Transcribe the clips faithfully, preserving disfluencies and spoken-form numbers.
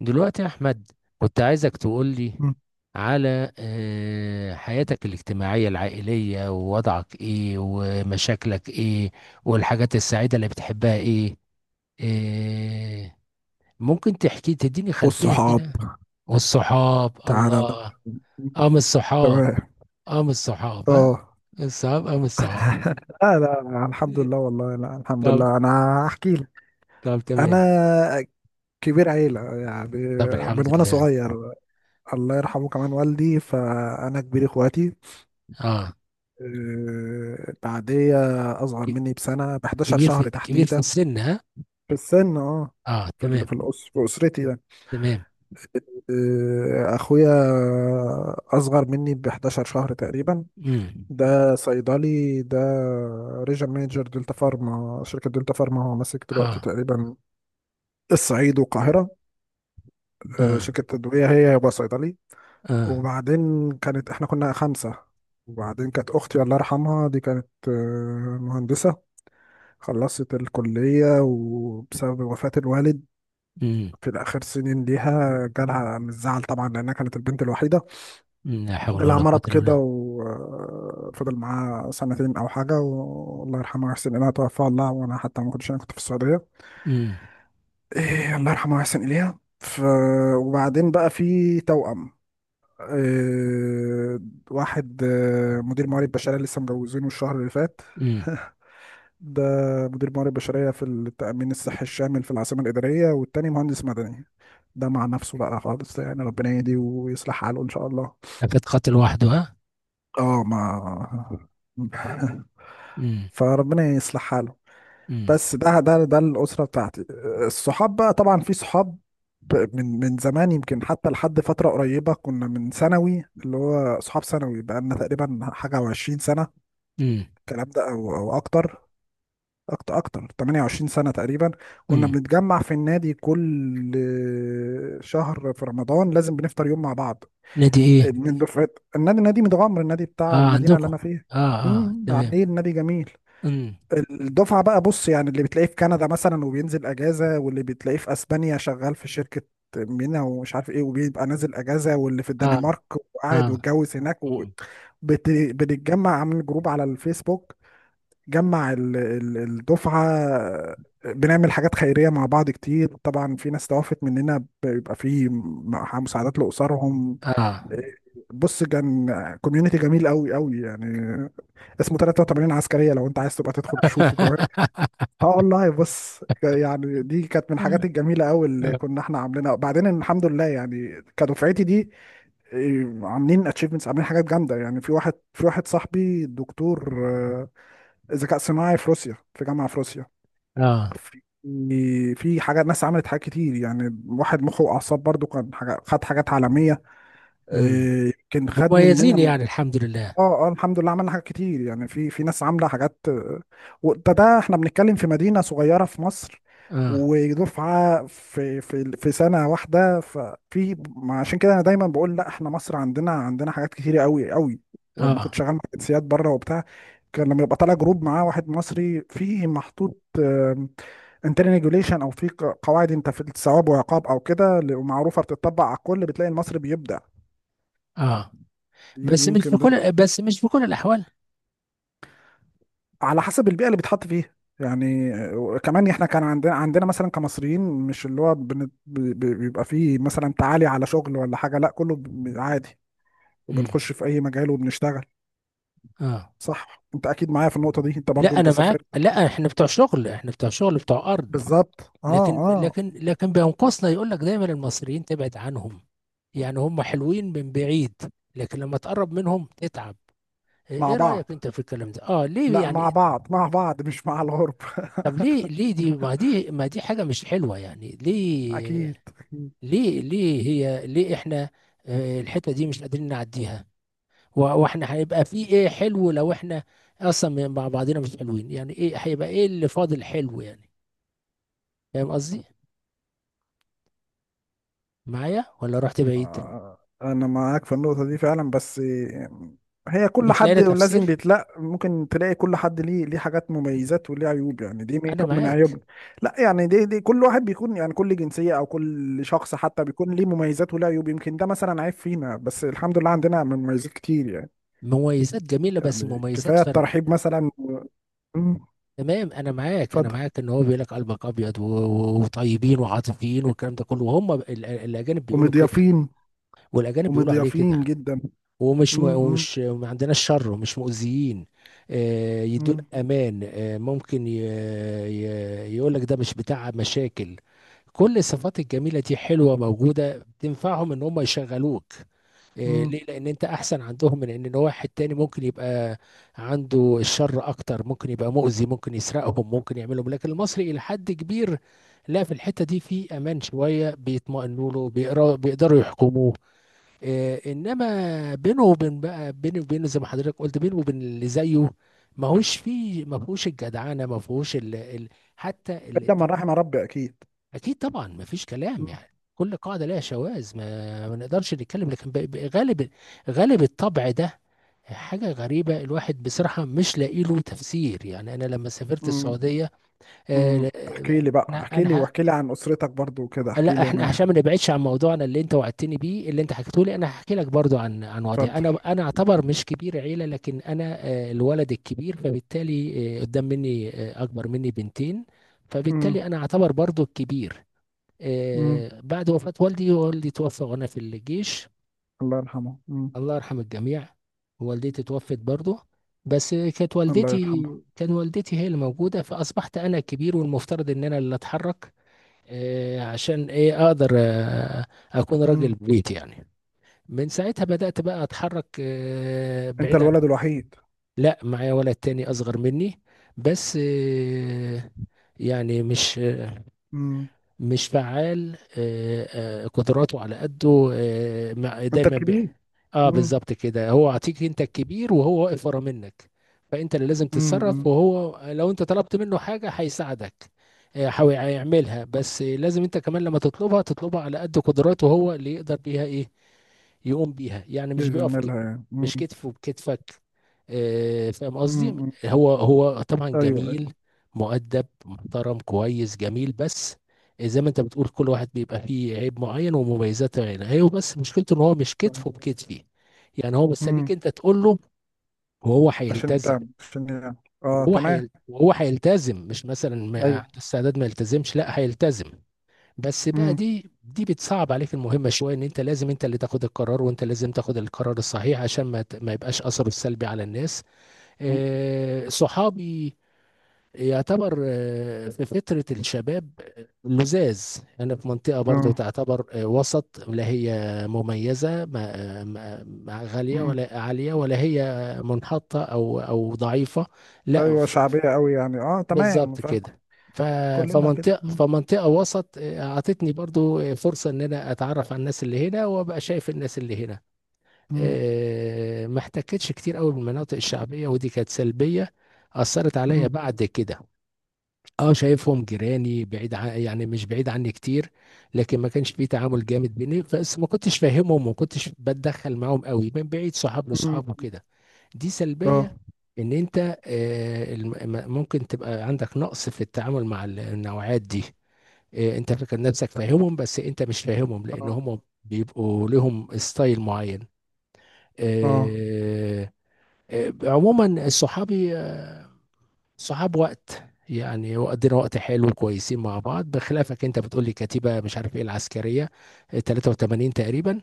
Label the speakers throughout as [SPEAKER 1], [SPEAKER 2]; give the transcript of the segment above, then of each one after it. [SPEAKER 1] دلوقتي يا أحمد، كنت عايزك تقولي
[SPEAKER 2] مم.
[SPEAKER 1] على آه، حياتك الاجتماعية العائلية ووضعك إيه ومشاكلك إيه والحاجات السعيدة اللي بتحبها إيه. آه، ممكن تحكي تديني خلفية
[SPEAKER 2] والصحاب
[SPEAKER 1] كده. والصحاب
[SPEAKER 2] تعالى ده.
[SPEAKER 1] الله.
[SPEAKER 2] مم.
[SPEAKER 1] أم الصحاب،
[SPEAKER 2] تمام.
[SPEAKER 1] أم الصحاب ها،
[SPEAKER 2] اه.
[SPEAKER 1] الصحاب أم الصحاب.
[SPEAKER 2] لا لا لا، الحمد لله، والله لا الحمد
[SPEAKER 1] طب،
[SPEAKER 2] لله، انا احكي لك.
[SPEAKER 1] طب تمام.
[SPEAKER 2] انا كبير عيلة يعني.
[SPEAKER 1] طب
[SPEAKER 2] من
[SPEAKER 1] الحمد
[SPEAKER 2] وانا
[SPEAKER 1] لله.
[SPEAKER 2] صغير، الله يرحمه كمان والدي، فانا كبير اخواتي.
[SPEAKER 1] اه.
[SPEAKER 2] آه، بعديه اصغر
[SPEAKER 1] ك-
[SPEAKER 2] مني بسنة، ب
[SPEAKER 1] كبير،
[SPEAKER 2] حداشر شهر
[SPEAKER 1] في
[SPEAKER 2] شهر
[SPEAKER 1] كبير في
[SPEAKER 2] تحديدا.
[SPEAKER 1] السن ها.
[SPEAKER 2] في السن، اه.
[SPEAKER 1] اه
[SPEAKER 2] في ال-
[SPEAKER 1] تمام.
[SPEAKER 2] في الأس... في اسرتي يعني.
[SPEAKER 1] تمام.
[SPEAKER 2] آه، اخويا اصغر مني ب أحد عشر شهرا شهر تقريبا.
[SPEAKER 1] امم.
[SPEAKER 2] ده صيدلي ده. ريجن مانجر دلتا فارما، شركة دلتا فارما، هو ماسك دلوقتي
[SPEAKER 1] اه،
[SPEAKER 2] تقريبا الصعيد والقاهرة. آه،
[SPEAKER 1] اه،
[SPEAKER 2] شركة تدوية هي. هو صيدلي.
[SPEAKER 1] اه.
[SPEAKER 2] وبعدين كانت احنا كنا خمسة. وبعدين كانت أختي الله يرحمها دي، كانت آه، مهندسة، خلصت الكلية، وبسبب وفاة الوالد
[SPEAKER 1] امم.
[SPEAKER 2] في الآخر سنين ليها جالها من الزعل طبعا، لأنها كانت البنت الوحيدة.
[SPEAKER 1] أمم، لا حول
[SPEAKER 2] جالها
[SPEAKER 1] ولا قوة
[SPEAKER 2] مرض
[SPEAKER 1] الا
[SPEAKER 2] كده
[SPEAKER 1] بالله.
[SPEAKER 2] وفضل معاه سنتين أو حاجة، والله يرحمه ويحسن إليها، توفى. الله وأنا حتى ما كنتش، أنا كنت في السعودية.
[SPEAKER 1] امم.
[SPEAKER 2] إيه، الله يرحمه ويحسن إليها ف... وبعدين بقى في توأم. إيه... واحد آه، مدير موارد بشرية، لسه مجوزينه الشهر اللي فات.
[SPEAKER 1] امم.
[SPEAKER 2] ده مدير موارد بشرية في التأمين الصحي الشامل في العاصمة الإدارية، والتاني مهندس مدني. ده مع نفسه بقى خالص يعني، ربنا يهديه ويصلح حاله إن شاء الله.
[SPEAKER 1] كانت قتل وحده ها.
[SPEAKER 2] اه. ما
[SPEAKER 1] امم.
[SPEAKER 2] فربنا يصلح حاله.
[SPEAKER 1] امم.
[SPEAKER 2] بس ده ده ده الأسرة بتاعتي. الصحاب بقى، طبعا في صحاب من من زمان، يمكن حتى لحد فترة قريبة، كنا من ثانوي اللي هو صحاب ثانوي، بقى لنا تقريبا حاجة وعشرين سنة
[SPEAKER 1] امم.
[SPEAKER 2] الكلام ده، أو أو أكتر. أكتر أكتر 28 سنة تقريبا. كنا
[SPEAKER 1] أمم.
[SPEAKER 2] بنتجمع في النادي كل شهر، في رمضان لازم بنفطر يوم مع بعض،
[SPEAKER 1] نادي ايه؟
[SPEAKER 2] من دفعت النادي. نادي متغمر، النادي بتاع
[SPEAKER 1] اه
[SPEAKER 2] المدينه اللي انا
[SPEAKER 1] عندكم.
[SPEAKER 2] فيها.
[SPEAKER 1] اه اه
[SPEAKER 2] امم
[SPEAKER 1] تمام.
[SPEAKER 2] عاملين نادي جميل.
[SPEAKER 1] امم.
[SPEAKER 2] الدفعه بقى، بص يعني، اللي بتلاقيه في كندا مثلا وبينزل اجازه، واللي بتلاقيه في اسبانيا شغال في شركه مينا ومش عارف ايه وبيبقى نازل اجازه، واللي في
[SPEAKER 1] اه.
[SPEAKER 2] الدنمارك وقاعد
[SPEAKER 1] اه.
[SPEAKER 2] واتجوز هناك و...
[SPEAKER 1] امم.
[SPEAKER 2] بت... بنتجمع، عامل جروب على الفيسبوك جمع ال... ال... الدفعه. بنعمل حاجات خيريه مع بعض كتير، طبعا في ناس توفت مننا بيبقى في مساعدات لاسرهم.
[SPEAKER 1] اه.
[SPEAKER 2] بص، كان كوميونتي جميل قوي قوي يعني. اسمه ثلاثة وثمانين عسكريه، لو انت عايز تبقى تدخل تشوفه كمان. اه والله، بص يعني دي كانت من الحاجات الجميله قوي اللي كنا احنا عاملينها. بعدين الحمد لله يعني، كدفعتي دي، إيه، عاملين اتشيفمنتس، عاملين حاجات جامده يعني. في واحد في واحد صاحبي دكتور آه، ذكاء صناعي في روسيا، في جامعه في روسيا.
[SPEAKER 1] اه.
[SPEAKER 2] في في حاجات، ناس عملت حاجات كتير يعني. واحد مخه واعصاب برضو كان حاجة، خد حاجات عالميه،
[SPEAKER 1] امم.
[SPEAKER 2] إيه، يمكن خد
[SPEAKER 1] مميزين
[SPEAKER 2] مننا.
[SPEAKER 1] يعني الحمد لله.
[SPEAKER 2] اه اه الحمد لله، عملنا حاجات كتير يعني. في في ناس عامله حاجات. وده ده احنا بنتكلم في مدينه صغيره في مصر،
[SPEAKER 1] اه
[SPEAKER 2] ودفعه في في في سنه واحده، ففي ما عشان كده انا دايما بقول، لا احنا مصر عندنا، عندنا حاجات كتير قوي قوي. ولما كنت
[SPEAKER 1] اه.
[SPEAKER 2] شغال مع جنسيات بره وبتاع، كان لما يبقى طالع جروب معاه واحد مصري فيه محطوط انترنال ريجوليشن، او في ق- قواعد انت في الثواب وعقاب او كده، ل- معروفه بتطبق على الكل، بتلاقي المصري بيبدع.
[SPEAKER 1] اه.
[SPEAKER 2] دي دي
[SPEAKER 1] بس مش في
[SPEAKER 2] يمكن ده
[SPEAKER 1] كل بس مش في كل الاحوال.
[SPEAKER 2] على حسب البيئه اللي بيتحط فيها. يعني آه، كمان احنا كان عندنا، عندنا مثلا كمصريين، مش اللي هو بن- بي- بي- بيبقى فيه مثلا تعالي على شغل ولا حاجه، لا كله ب- عادي.
[SPEAKER 1] امم.
[SPEAKER 2] وبنخش في اي مجال وبنشتغل.
[SPEAKER 1] اه.
[SPEAKER 2] صح، انت اكيد معايا في النقطه دي، انت برضو
[SPEAKER 1] لا
[SPEAKER 2] انت
[SPEAKER 1] انا معاك،
[SPEAKER 2] سافرت.
[SPEAKER 1] لا، احنا بتوع شغل، احنا بتوع شغل بتوع ارض.
[SPEAKER 2] بالظبط، اه.
[SPEAKER 1] لكن
[SPEAKER 2] اه
[SPEAKER 1] لكن لكن بينقصنا، يقول لك دايما المصريين تبعد عنهم. يعني هم حلوين من بعيد، لكن لما تقرب منهم تتعب.
[SPEAKER 2] مع
[SPEAKER 1] ايه رأيك
[SPEAKER 2] بعض.
[SPEAKER 1] انت في الكلام ده؟ اه ليه
[SPEAKER 2] لا
[SPEAKER 1] يعني؟
[SPEAKER 2] مع بعض مع بعض، مش مع الغرب.
[SPEAKER 1] طب ليه؟ ليه دي ما دي ما دي حاجة مش حلوة يعني؟
[SPEAKER 2] اكيد.
[SPEAKER 1] ليه؟ ليه ليه هي ليه احنا آه، الحتة دي مش قادرين نعديها؟ و- واحنا هيبقى في ايه حلو لو احنا اصلا مع بعضنا مش حلوين؟ يعني ايه هيبقى ايه اللي فاضل حلو يعني؟ فاهم قصدي؟ معايا ولا رحت بعيد؟
[SPEAKER 2] آه، انا معاك في النقطة دي فعلا، بس هي كل
[SPEAKER 1] مش لاقي
[SPEAKER 2] حد
[SPEAKER 1] لها
[SPEAKER 2] لازم
[SPEAKER 1] تفسير.
[SPEAKER 2] بيتلاقي، ممكن تلاقي كل حد ليه، ليه حاجات مميزات وليه عيوب يعني، دي من
[SPEAKER 1] انا
[SPEAKER 2] كم من
[SPEAKER 1] معاك.
[SPEAKER 2] عيوبنا. لا يعني دي دي كل واحد بيكون يعني، كل جنسية او كل شخص حتى بيكون ليه مميزات وليه عيوب. يمكن ده مثلا عيب فينا، بس الحمد لله عندنا مميزات كتير يعني.
[SPEAKER 1] مميزات جميله بس
[SPEAKER 2] يعني
[SPEAKER 1] مميزات
[SPEAKER 2] كفاية
[SPEAKER 1] فرد.
[SPEAKER 2] الترحيب مثلا. مم.
[SPEAKER 1] تمام انا معاك، انا
[SPEAKER 2] اتفضل.
[SPEAKER 1] معاك ان هو بيقول لك قلبك ابيض و- و- وطيبين وعاطفيين والكلام ده كله، وهم ال- ال- الاجانب بيقولوا كده.
[SPEAKER 2] ومضيافين.
[SPEAKER 1] والاجانب بيقولوا عليه
[SPEAKER 2] ومضيافين
[SPEAKER 1] كده.
[SPEAKER 2] جدا.
[SPEAKER 1] ومش م...
[SPEAKER 2] مم. مم.
[SPEAKER 1] ومش ما عندناش شر ومش مؤذيين. آه، يدون
[SPEAKER 2] مم.
[SPEAKER 1] امان. آه، ممكن ي... ي... يقول لك ده مش بتاع مشاكل. كل الصفات الجميله دي حلوه موجوده، تنفعهم ان هم يشغلوك. إيه،
[SPEAKER 2] مم.
[SPEAKER 1] ليه؟ لان انت احسن عندهم من ان واحد تاني ممكن يبقى عنده الشر اكتر، ممكن يبقى مؤذي، ممكن يسرقهم، ممكن يعملهم. لكن المصري الى حد كبير لا، في الحتة دي في امان شوية، بيطمئنوا له، بيقرا- بيقدروا يحكموه. إيه، انما بينه وبين بقى بينه وبينه، زي ما حضرتك قلت، بينه وبين اللي زيه ما هوش فيه، ما فيهوش الجدعنة، ما فيهوش ال... ال... حتى.
[SPEAKER 2] الا من رحم ربي اكيد.
[SPEAKER 1] اكيد طبعا، ما فيش كلام
[SPEAKER 2] مم.
[SPEAKER 1] يعني. كل قاعده لها شواذ، ما, ما نقدرش نتكلم، لكن ب- ب- غالب، غالب الطبع ده. حاجه غريبه، الواحد بصراحه مش لاقي له تفسير يعني. انا لما سافرت
[SPEAKER 2] مم.
[SPEAKER 1] السعوديه آه، ل-
[SPEAKER 2] امم احكي
[SPEAKER 1] آه،
[SPEAKER 2] لي بقى،
[SPEAKER 1] انا
[SPEAKER 2] احكي لي،
[SPEAKER 1] انا ه-
[SPEAKER 2] واحكي لي عن اسرتك برضو وكده، احكي
[SPEAKER 1] لا،
[SPEAKER 2] لي يا
[SPEAKER 1] احنا
[SPEAKER 2] ماهر.
[SPEAKER 1] عشان ما نبعدش عن موضوعنا اللي انت وعدتني بيه، اللي انت حكيته لي، انا هحكي لك برضو عن عن وضعي.
[SPEAKER 2] اتفضل.
[SPEAKER 1] انا انا اعتبر مش كبير عيله، لكن انا آه، الولد الكبير، فبالتالي آه، قدام مني آه، اكبر مني بنتين،
[SPEAKER 2] امم.
[SPEAKER 1] فبالتالي انا اعتبر برضو الكبير.
[SPEAKER 2] امم.
[SPEAKER 1] آه، بعد وفاة والدي، والدي توفى وأنا في الجيش.
[SPEAKER 2] الله يرحمه. امم.
[SPEAKER 1] الله يرحم الجميع. والدتي توفت برضه، بس كانت
[SPEAKER 2] الله
[SPEAKER 1] والدتي،
[SPEAKER 2] يرحمه
[SPEAKER 1] كان والدتي هي اللي موجودة، فأصبحت أنا الكبير، والمفترض إن أنا اللي أتحرك آه، عشان إيه أقدر آه، أكون
[SPEAKER 2] امم
[SPEAKER 1] راجل بيت يعني. من ساعتها بدأت بقى أتحرك آه،
[SPEAKER 2] انت
[SPEAKER 1] بعيد عن.
[SPEAKER 2] الولد الوحيد؟
[SPEAKER 1] لا، معايا ولد تاني أصغر مني، بس آه، يعني مش،
[SPEAKER 2] امم.
[SPEAKER 1] مش فعال. آه، آه، قدراته على قده. آه، مع-
[SPEAKER 2] انت
[SPEAKER 1] دايما ب...
[SPEAKER 2] الكبير.
[SPEAKER 1] اه
[SPEAKER 2] امم.
[SPEAKER 1] بالظبط كده، هو عطيك انت الكبير وهو واقف ورا منك، فانت اللي لازم تتصرف.
[SPEAKER 2] امم.
[SPEAKER 1] وهو لو انت طلبت منه حاجه هيساعدك، آه، هو هيعملها. بس لازم انت كمان لما تطلبها، تطلبها على قد قدراته، هو اللي يقدر بيها ايه يقوم بيها يعني. مش بيقف ك...
[SPEAKER 2] يزملها يعني.
[SPEAKER 1] مش
[SPEAKER 2] امم.
[SPEAKER 1] كتفه بكتفك. آه، فاهم قصدي؟
[SPEAKER 2] امم.
[SPEAKER 1] هو هو طبعا
[SPEAKER 2] ايوه.
[SPEAKER 1] جميل، مؤدب، محترم، كويس، جميل. بس زي ما انت بتقول، كل واحد بيبقى فيه عيب معين ومميزات معينة. هي بس مشكلته ان هو مش كتفه بكتفي، يعني هو مستنيك
[SPEAKER 2] امم.
[SPEAKER 1] انت تقول له وهو
[SPEAKER 2] عشان
[SPEAKER 1] هيلتزم.
[SPEAKER 2] تعمل، عشان يعني. اه،
[SPEAKER 1] وهو
[SPEAKER 2] تمام.
[SPEAKER 1] هيل... وهو هيلتزم، مش مثلا ما
[SPEAKER 2] ايوه.
[SPEAKER 1] عنده استعداد ما يلتزمش، لا هيلتزم. بس بقى
[SPEAKER 2] امم.
[SPEAKER 1] دي دي بتصعب عليك المهمة شوية، ان انت لازم انت اللي تاخد القرار، وانت لازم تاخد القرار الصحيح عشان ما ت- ما يبقاش اثره السلبي على الناس. آه، صحابي يعتبر آه، في فترة الشباب لزاز. أنا في منطقة برضو
[SPEAKER 2] اه.
[SPEAKER 1] تعتبر آه، وسط، لا هي مميزة، ما ما- ما غالية
[SPEAKER 2] امم.
[SPEAKER 1] ولا عالية، ولا هي منحطة أو أو ضعيفة، لا.
[SPEAKER 2] ايوه
[SPEAKER 1] ف- ف-
[SPEAKER 2] شعبيه قوي يعني. اه، تمام،
[SPEAKER 1] بالظبط
[SPEAKER 2] فاهم.
[SPEAKER 1] كده. ف-
[SPEAKER 2] كلنا كده.
[SPEAKER 1] فمنطقة
[SPEAKER 2] امم.
[SPEAKER 1] فمنطقة وسط آه، أعطتني برضو آه، فرصة إن أنا أتعرف على الناس اللي هنا، وأبقى شايف الناس اللي هنا.
[SPEAKER 2] امم.
[SPEAKER 1] آه، ما احتكتش كتير قوي بالمناطق الشعبية، ودي كانت سلبية أثرت عليا بعد كده. اه، شايفهم جيراني، بعيد عن، يعني مش بعيد عني كتير، لكن ما كانش في تعامل جامد بيني. بس ما كنتش فاهمهم، وما كنتش بتدخل معاهم قوي، من بعيد صحاب
[SPEAKER 2] امم.
[SPEAKER 1] لصحاب وكده. دي سلبية
[SPEAKER 2] اه.
[SPEAKER 1] ان انت آه، الم- م- ممكن تبقى عندك نقص في التعامل مع ال- النوعات دي. آه، انت فاكر نفسك فاهمهم، بس انت مش فاهمهم،
[SPEAKER 2] اه.
[SPEAKER 1] لان هم بيبقوا لهم ستايل معين.
[SPEAKER 2] اه.
[SPEAKER 1] آه، آه، عموما صحابي صحاب وقت يعني، وقضينا وقت حلو، كويسين مع بعض. بخلافك انت بتقول لي كتيبة، مش عارف ايه، العسكرية اه، ثلاثة وتمانين تقريبا.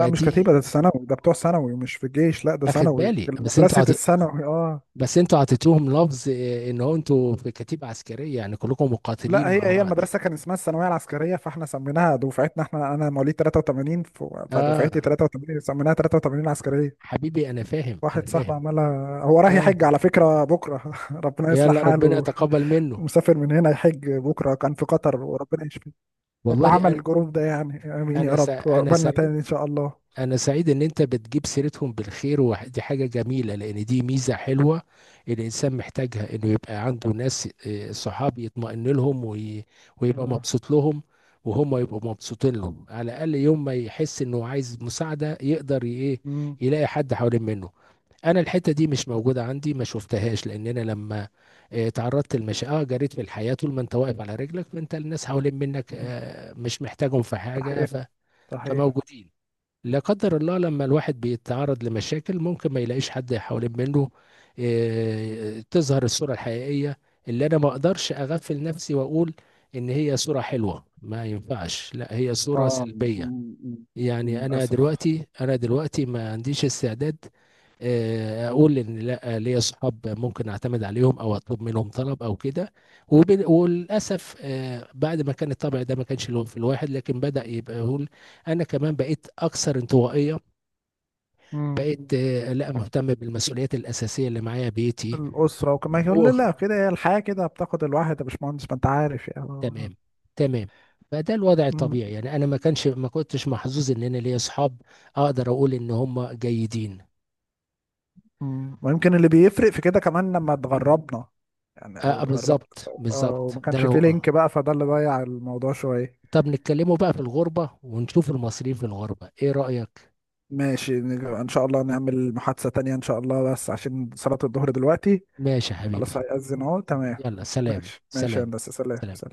[SPEAKER 2] لا مش كتيبة، ده ثانوي، ده بتوع ثانوي مش في الجيش. لا ده
[SPEAKER 1] اخد
[SPEAKER 2] ثانوي،
[SPEAKER 1] بالي.
[SPEAKER 2] ده
[SPEAKER 1] بس انتوا
[SPEAKER 2] مدرسة
[SPEAKER 1] عط...
[SPEAKER 2] الثانوي. اه.
[SPEAKER 1] بس انتوا عطيتوهم لفظ اه، ان هو انتوا في كتيبة عسكرية، يعني كلكم مقاتلين
[SPEAKER 2] لا هي
[SPEAKER 1] مع
[SPEAKER 2] هي
[SPEAKER 1] بعض.
[SPEAKER 2] المدرسة كان اسمها الثانوية العسكرية، فاحنا سميناها دفعتنا احنا، انا مواليد تلاتة وتمانين ف-
[SPEAKER 1] اه
[SPEAKER 2] فدفعتي تلاتة وتمانين سميناها ثلاثة وثمانين عسكرية.
[SPEAKER 1] حبيبي، انا فاهم انا
[SPEAKER 2] واحد صاحبي
[SPEAKER 1] فاهم
[SPEAKER 2] عملها هو رايح
[SPEAKER 1] اه،
[SPEAKER 2] يحج على فكرة بكرة. ربنا يصلح
[SPEAKER 1] يلا ربنا
[SPEAKER 2] حاله.
[SPEAKER 1] يتقبل منه.
[SPEAKER 2] مسافر من هنا يحج بكرة، كان في قطر وربنا يشفيه، اللي
[SPEAKER 1] والله
[SPEAKER 2] عمل
[SPEAKER 1] انا،
[SPEAKER 2] الجروب ده يعني. امين يا
[SPEAKER 1] انا
[SPEAKER 2] رب،
[SPEAKER 1] سع- انا
[SPEAKER 2] وقبلنا
[SPEAKER 1] سعيد.
[SPEAKER 2] تاني ان شاء الله.
[SPEAKER 1] أنا سعيد إن أنت بتجيب سيرتهم بالخير، ودي حاجة جميلة، لأن دي ميزة حلوة الإنسان محتاجها، إنه يبقى عنده ناس آه، صحاب يطمئن لهم وي- ويبقى
[SPEAKER 2] آه.
[SPEAKER 1] مبسوط لهم، وهم يبقوا مبسوطين لهم. على الأقل يوم ما يحس إنه عايز مساعدة يقدر ي- إيه
[SPEAKER 2] مم.
[SPEAKER 1] يلاقي حد حوالين منه. انا الحته دي مش موجوده عندي، ما شفتهاش، لان انا لما آه، تعرضت لمشاكل اه، جريت في الحياه. طول ما انت واقف على رجلك فانت الناس حوالين منك
[SPEAKER 2] مم.
[SPEAKER 1] آه، مش محتاجهم في حاجه،
[SPEAKER 2] صحيح
[SPEAKER 1] ف...
[SPEAKER 2] صحيح
[SPEAKER 1] فموجودين. لا قدر الله لما الواحد بيتعرض لمشاكل، ممكن ما يلاقيش حد حوالين منه. آه، تظهر الصورة الحقيقية، اللي أنا ما أقدرش أغفل نفسي وأقول إن هي صورة حلوة. ما ينفعش، لا هي صورة
[SPEAKER 2] اه. م-
[SPEAKER 1] سلبية.
[SPEAKER 2] م- م-
[SPEAKER 1] يعني أنا
[SPEAKER 2] للأسف.
[SPEAKER 1] دلوقتي، أنا دلوقتي ما عنديش استعداد آه، أقول إن لا، ليا صحاب ممكن أعتمد عليهم أو أطلب منهم طلب أو كده. وبال- وللأسف آه، بعد ما كان الطبع ده ما كانش له في الواحد، لكن بدأ يبقى يقول. انا كمان بقيت اكثر انطوائيه،
[SPEAKER 2] امم.
[SPEAKER 1] بقيت آه، لا مهتم بالمسؤوليات الأساسية اللي معايا، بيتي.
[SPEAKER 2] الأسرة، وكمان يقول
[SPEAKER 1] هو
[SPEAKER 2] لي لا
[SPEAKER 1] خ-
[SPEAKER 2] كده هي الحياة كده بتاخد الواحد يا باشمهندس، ما أنت عارف يعني.
[SPEAKER 1] تمام، تمام. فده الوضع
[SPEAKER 2] م-
[SPEAKER 1] الطبيعي يعني، أنا ما كانش ما كنتش محظوظ إن أنا ليا أصحاب أقدر أقول إن هم جيدين.
[SPEAKER 2] م. ويمكن اللي بيفرق في كده كمان لما اتغربنا، يعني،
[SPEAKER 1] آه
[SPEAKER 2] أو
[SPEAKER 1] آه،
[SPEAKER 2] اتغربت.
[SPEAKER 1] بالظبط،
[SPEAKER 2] اه،
[SPEAKER 1] بالظبط
[SPEAKER 2] وما
[SPEAKER 1] ده أنا
[SPEAKER 2] كانش فيه لينك
[SPEAKER 1] آه.
[SPEAKER 2] بقى، فده اللي ضيع الموضوع شوية.
[SPEAKER 1] طب نتكلموا بقى في الغربة، ونشوف المصريين في الغربة إيه رأيك؟
[SPEAKER 2] ماشي، نج- إن شاء الله نعمل محادثة تانية إن شاء الله، بس عشان صلاة الظهر دلوقتي.
[SPEAKER 1] ماشي يا حبيبي.
[SPEAKER 2] خلاص، هيأذن أهو، تمام.
[SPEAKER 1] يلا سلام،
[SPEAKER 2] ماشي ماشي يا
[SPEAKER 1] سلام،
[SPEAKER 2] هندسة، سلام
[SPEAKER 1] سلام.
[SPEAKER 2] سلام.